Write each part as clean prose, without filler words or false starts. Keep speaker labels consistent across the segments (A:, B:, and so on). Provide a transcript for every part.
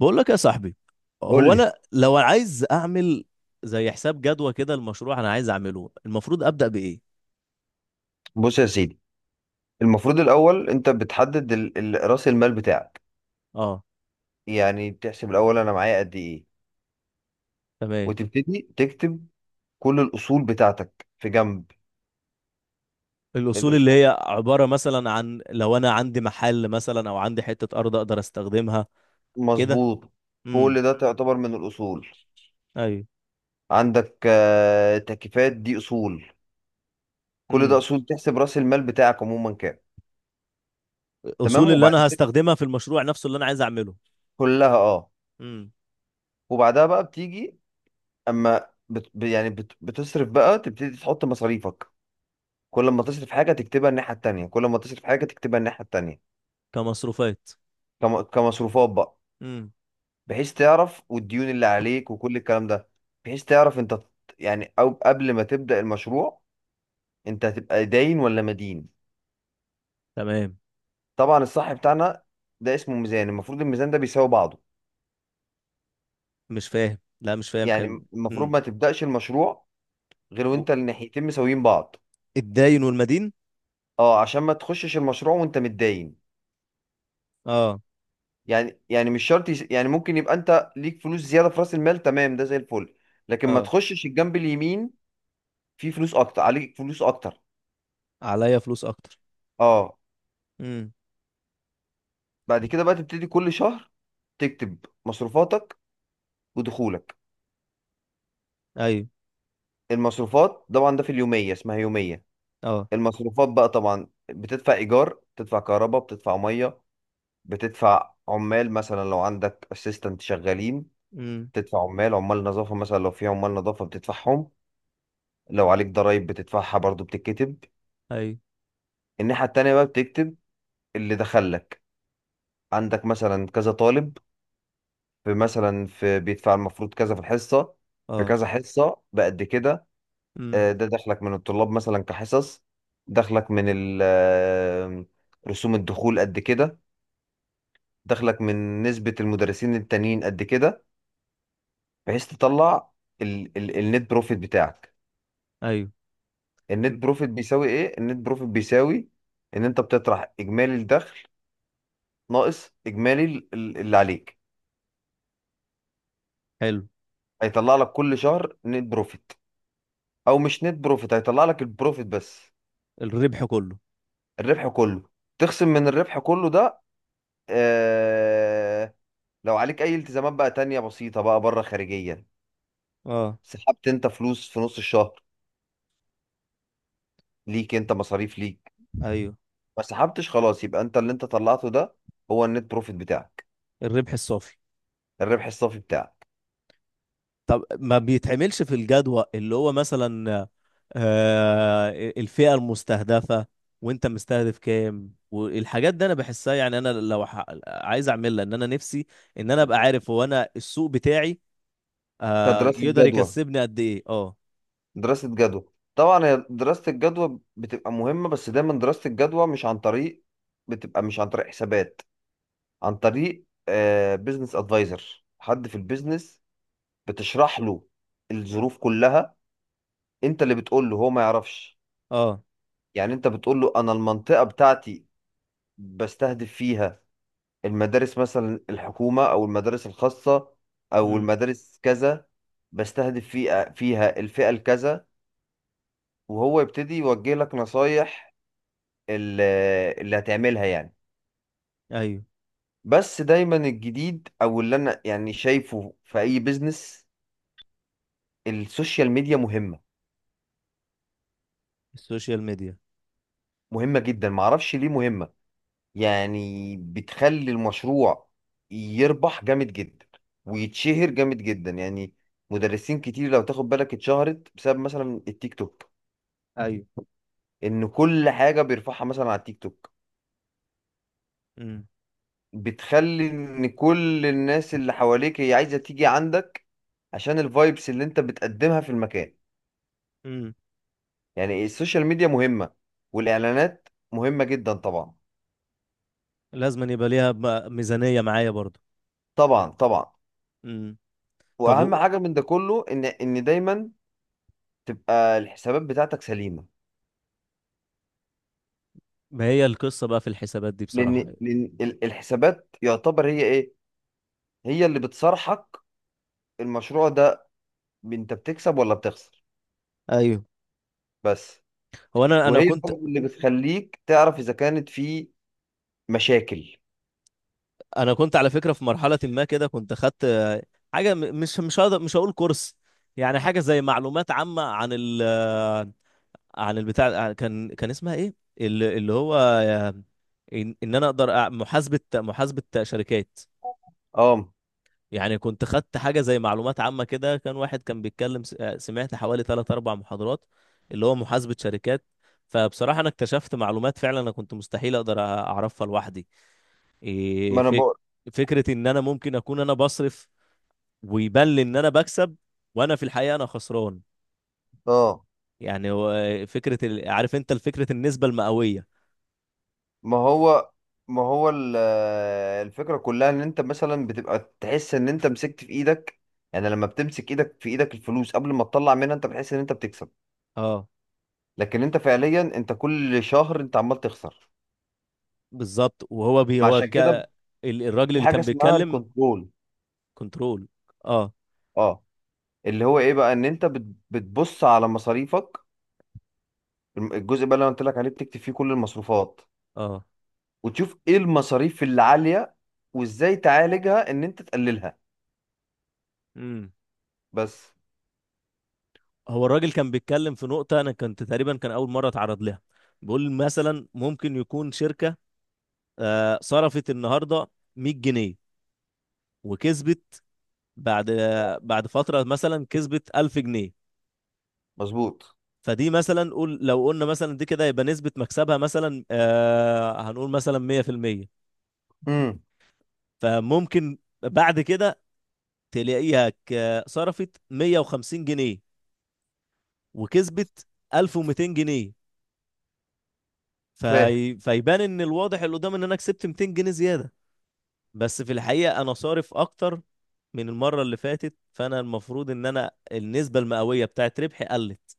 A: بقول لك يا صاحبي.
B: قول
A: هو
B: لي.
A: انا لو عايز اعمل زي حساب جدوى كده، المشروع انا عايز اعمله، المفروض ابدا بايه؟
B: بص يا سيدي، المفروض الاول انت بتحدد راس المال بتاعك.
A: اه.
B: يعني بتحسب الاول انا معايا قد ايه،
A: تمام.
B: وتبتدي تكتب كل الاصول بتاعتك في جنب.
A: الاصول اللي
B: الاصول،
A: هي عباره مثلا عن لو انا عندي محل مثلا او عندي حته ارض اقدر استخدمها كده.
B: مظبوط.
A: امم
B: كل ده تعتبر من الاصول.
A: ايوه.
B: عندك تكييفات، دي اصول. كل ده
A: امم
B: اصول، تحسب راس المال بتاعك عموما كام.
A: الاصول
B: تمام،
A: اللي
B: وبعد
A: انا
B: كده
A: هستخدمها في المشروع نفسه اللي انا عايز اعمله.
B: كلها اه.
A: امم
B: وبعدها بقى بتيجي، اما بت... يعني بت... بتصرف بقى، تبتدي تحط مصاريفك. كل ما تصرف حاجة تكتبها الناحية التانية، كل ما تصرف حاجة تكتبها الناحية التانية.
A: كمصروفات.
B: كمصروفات بقى،
A: امم
B: بحيث تعرف والديون اللي عليك وكل الكلام ده. بحيث تعرف انت يعني او قبل ما تبدأ المشروع، انت هتبقى داين ولا مدين.
A: تمام.
B: طبعا الصح بتاعنا ده اسمه ميزان، المفروض الميزان ده بيساوي بعضه.
A: مش فاهم، لا مش فاهم.
B: يعني
A: حلو.
B: المفروض
A: امم
B: ما تبدأش المشروع غير
A: و-
B: وانت الناحيتين مساويين بعض.
A: الداين والمدين.
B: اه، عشان ما تخشش المشروع وانت متداين.
A: اه.
B: يعني مش شرط يس- يعني ممكن يبقى انت ليك فلوس زياده في راس المال، تمام، ده زي الفل. لكن ما
A: اه.
B: تخشش الجنب اليمين فيه فلوس اكتر، عليك فلوس اكتر.
A: عليا فلوس اكتر.
B: اه.
A: امم
B: بعد كده بقى تبتدي كل شهر تكتب مصروفاتك ودخولك.
A: ايوه.
B: المصروفات طبعا ده في اليوميه، اسمها يوميه.
A: اه.
B: المصروفات بقى طبعا، بتدفع ايجار، بتدفع كهرباء، بتدفع ميه، بتدفع عمال مثلا لو عندك اسيستنت شغالين،
A: امم
B: بتدفع عمال، عمال نظافه مثلا لو في عمال نظافه بتدفعهم، لو عليك ضرايب بتدفعها برضو بتتكتب.
A: ايوه.
B: الناحية التانية بقى بتكتب اللي دخلك. عندك مثلا كذا طالب، في مثلا في بيدفع المفروض كذا في الحصة، في
A: اه.
B: كذا حصة بقد كده.
A: امم
B: ده دخلك من الطلاب مثلا كحصص. دخلك من رسوم الدخول قد كده. دخلك من نسبة المدرسين التانيين قد كده، بحيث تطلع ال النت بروفيت بتاعك.
A: ايوه.
B: النت بروفيت بيساوي ايه؟ النت بروفيت بيساوي ان انت بتطرح اجمالي الدخل ناقص اجمالي اللي عليك.
A: حلو.
B: هيطلع لك كل شهر نت بروفيت، او مش نت بروفيت، هيطلع لك البروفيت بس.
A: الربح كله.
B: الربح كله. تخصم من الربح كله ده آه، لو عليك اي التزامات بقى تانية بسيطة بقى بره خارجيا،
A: اه.
B: سحبت انت فلوس في نص الشهر، ليك انت مصاريف ليك،
A: ايوه.
B: ما سحبتش خلاص، يبقى انت اللي انت طلعته ده هو النت بروفيت بتاعك.
A: الربح الصافي.
B: الربح الصافي بتاعك.
A: طب ما بيتعملش في الجدول اللي هو مثلا الفئة المستهدفة، وانت مستهدف كام والحاجات دي انا بحسها. يعني انا لو عايز اعملها، ان انا نفسي، ان انا ابقى عارف هو انا السوق بتاعي
B: كدراسة
A: يقدر
B: جدوى.
A: يكسبني قد ايه. اه.
B: دراسة جدوى طبعا، هي دراسة الجدوى بتبقى مهمة، بس دايما دراسة الجدوى مش عن طريق، بتبقى مش عن طريق حسابات، عن طريق بزنس ادفايزر، حد في البيزنس، بتشرح له الظروف كلها. انت اللي بتقول له، هو ما يعرفش.
A: اه.
B: يعني انت بتقول له انا المنطقة بتاعتي بستهدف فيها المدارس مثلا الحكومة، او المدارس الخاصة، او
A: امم
B: المدارس كذا، بستهدف فيها الفئة الكذا، وهو يبتدي يوجه لك نصايح ال- اللي هتعملها يعني.
A: ايوه.
B: بس دايما الجديد او اللي انا يعني شايفه في اي بيزنس، السوشيال ميديا مهمة.
A: السوشيال ميديا.
B: مهمة جدا، معرفش ليه مهمة، يعني بتخلي المشروع يربح جامد جدا، ويتشهر جامد جدا يعني. مدرسين كتير لو تاخد بالك اتشهرت بسبب مثلا التيك توك،
A: ايوه.
B: ان كل حاجة بيرفعها مثلا على التيك توك بتخلي ان كل الناس اللي حواليك هي عايزة تيجي عندك، عشان الفايبس اللي انت بتقدمها في المكان.
A: امم
B: يعني السوشيال ميديا مهمة، والاعلانات مهمة جدا. طبعا
A: لازم أن يبقى ليها ميزانية معايا برضو.
B: طبعا طبعا.
A: امم طب
B: واهم
A: و-
B: حاجة من ده كله ان دايما تبقى الحسابات بتاعتك سليمه.
A: ما هي القصة بقى في الحسابات دي بصراحة؟
B: لان الحسابات يعتبر هي ايه، هي اللي بتصارحك المشروع ده انت بتكسب ولا بتخسر.
A: ايوه.
B: بس.
A: هو انا
B: وهي
A: كنت.
B: برضه اللي بتخليك تعرف اذا كانت في مشاكل.
A: انا كنت على فكره في مرحله ما كده كنت خدت حاجه مش هقدر، مش هقول كورس، يعني حاجه زي معلومات عامه عن ال عن البتاع كان اسمها ايه، اللي هو ان إن انا اقدر محاسبه شركات.
B: اه.
A: يعني كنت خدت حاجة زي معلومات عامة كده، كان واحد كان بيتكلم سمعت حوالي ثلاث أربع محاضرات اللي هو محاسبة شركات. فبصراحة أنا اكتشفت معلومات فعلا أنا كنت مستحيل أقدر أعرفها لوحدي. إيه
B: ما انا
A: فك...
B: بقول.
A: فكرة إن أنا ممكن أكون أنا بصرف، ويبان لي إن أنا بكسب، وأنا في الحقيقة أنا خسران.
B: اه،
A: يعني هو عارف أنت الفكرة، النسبة المئوية.
B: ما هو ما هو الفكره كلها ان انت مثلا بتبقى تحس ان انت مسكت في ايدك. يعني لما بتمسك ايدك في ايدك الفلوس قبل ما تطلع منها انت بتحس ان انت بتكسب،
A: اه
B: لكن انت فعليا انت كل شهر انت عمال تخسر.
A: بالظبط. وهو بي
B: ما
A: هو
B: عشان
A: ك...
B: كده
A: الراجل
B: في
A: اللي
B: حاجه
A: كان
B: اسمها
A: بيتكلم.
B: الكنترول.
A: كنترول. اه.
B: اه، اللي هو ايه بقى، ان انت بتبص على مصاريفك. الجزء بقى اللي انا قلت لك عليه بتكتب فيه كل المصروفات،
A: اه.
B: وتشوف ايه المصاريف اللي عاليه، وازاي تعالجها ان انت تقللها.
A: امم
B: بس.
A: هو الراجل كان بيتكلم في نقطة أنا كنت تقريبا كان أول مرة أتعرض لها. بيقول مثلا ممكن يكون شركة صرفت النهاردة 100 جنيه وكسبت بعد بعد فترة مثلا كسبت 1000 جنيه.
B: مظبوط.
A: فدي مثلا، قول لو قلنا مثلا دي كده يبقى نسبة مكسبها مثلا هنقول مثلا 100%.
B: امم.
A: فممكن بعد كده تلاقيها صرفت 150 جنيه وكسبت 1200 جنيه.
B: فاهم.
A: فيبان ان الواضح اللي قدام ان انا كسبت 200 جنيه زيادة. بس في الحقيقة أنا صارف أكتر من المرة اللي فاتت، فأنا المفروض إن أنا النسبة المئوية بتاعت ربحي قلت.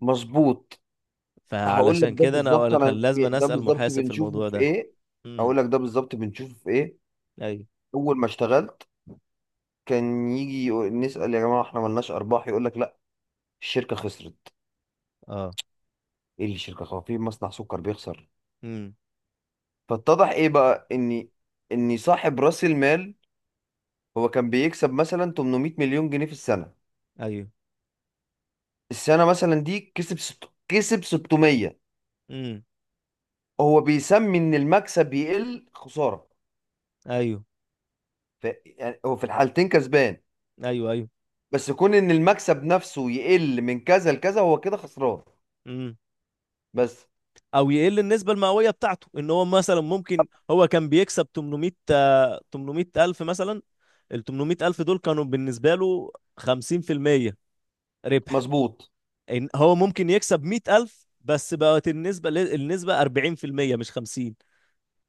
B: مظبوط. هقول لك
A: فعلشان
B: ده
A: كده أنا
B: بالظبط،
A: ولا كان
B: انا
A: لازم أنا
B: ده
A: أسأل
B: بالظبط
A: محاسب في
B: بنشوفه
A: الموضوع
B: في
A: ده.
B: ايه.
A: امم
B: هقول لك ده بالظبط بنشوفه في ايه.
A: أيوه.
B: اول ما اشتغلت كان يجي يقول، نسال يا جماعه احنا ملناش ارباح، يقول لك لا، الشركه خسرت.
A: أه.
B: ايه اللي شركه خسرت في مصنع سكر بيخسر؟
A: امم
B: فاتضح ايه بقى، اني صاحب راس المال، هو كان بيكسب مثلا 800 مليون جنيه في السنه،
A: أيوه.
B: السنه مثلا دي كسب كسب 600،
A: امم
B: هو بيسمي ان المكسب يقل خساره.
A: أيوه.
B: يعني هو في الحالتين كسبان،
A: أيوه. أيوه.
B: بس كون ان المكسب نفسه يقل من كذا لكذا هو كده خسران.
A: امم
B: بس.
A: أو يقل النسبة المئوية بتاعته، إن هو مثلا ممكن هو كان بيكسب 800، 800 ألف مثلا. ال 800 ألف دول كانوا بالنسبة له 50% ربح.
B: مظبوط
A: إن هو ممكن يكسب 100,000 بس بقت النسبة النسبة 40% مش 50.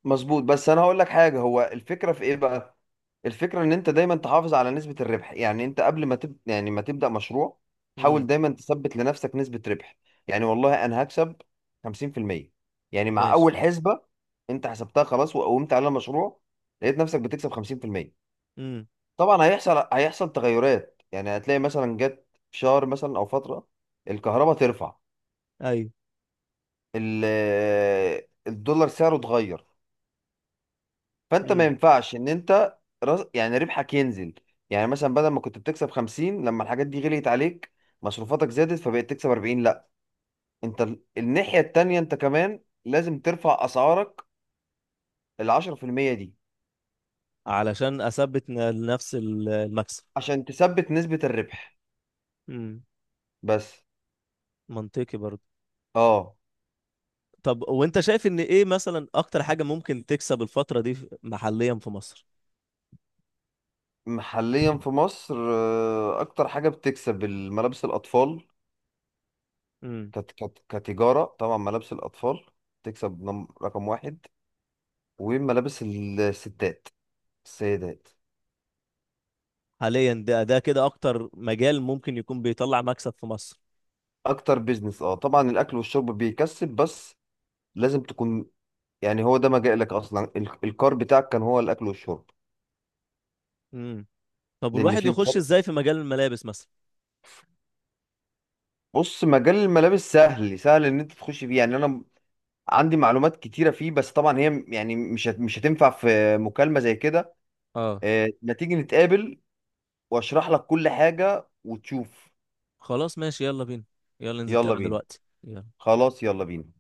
B: مظبوط بس انا هقول لك حاجه، هو الفكره في ايه بقى، الفكره ان انت دايما تحافظ على نسبه الربح. يعني انت قبل ما يعني ما تبدا مشروع، حاول
A: امم
B: دايما تثبت لنفسك نسبه ربح. يعني والله انا هكسب 50%، يعني مع
A: ماشي.
B: اول حسبه انت حسبتها خلاص وقومت على المشروع، لقيت نفسك بتكسب 50%.
A: امم
B: طبعا هيحصل تغيرات، يعني هتلاقي مثلا جت في شهر مثلا او فتره الكهرباء ترفع،
A: ايوه.
B: ال... الدولار سعره اتغير، فانت ما
A: امم
B: ينفعش ان انت يعني ربحك ينزل. يعني مثلا بدل ما كنت بتكسب 50 لما الحاجات دي غليت عليك مصروفاتك زادت فبقيت تكسب 40، لا، انت الناحية التانية انت كمان لازم ترفع اسعارك ال 10% دي،
A: علشان اثبت نفس المكسب.
B: عشان تثبت نسبة الربح.
A: امم
B: بس.
A: منطقي برضه.
B: اه.
A: طب وانت شايف ان ايه مثلا اكتر حاجة ممكن تكسب الفترة دي محليا في مصر؟
B: حاليا في مصر اكتر حاجة بتكسب الملابس الاطفال.
A: امم
B: كتجارة طبعا ملابس الاطفال تكسب رقم واحد، وملابس الستات، السيدات.
A: حاليا ده كده اكتر مجال ممكن يكون بيطلع مكسب في مصر.
B: اكتر بيزنس، اه، طبعا الاكل والشرب بيكسب، بس لازم تكون، يعني هو ده مجالك اصلا، الكار بتاعك كان هو الاكل والشرب.
A: امم طب
B: لان
A: والواحد
B: في
A: يخش
B: مخاطر.
A: ازاي في مجال الملابس مثلا؟
B: بص مجال الملابس سهل، سهل ان انت تخش فيه، يعني انا عندي معلومات كتيره فيه، بس طبعا هي يعني مش هتنفع في مكالمه زي كده.
A: اه.
B: ما تيجي نتقابل واشرح لك كل حاجه وتشوف.
A: خلاص ماشي، يلا بينا، يلا ننزل
B: يلا
A: نتقابل
B: بينا.
A: دلوقتي. يلا.
B: خلاص يلا بينا.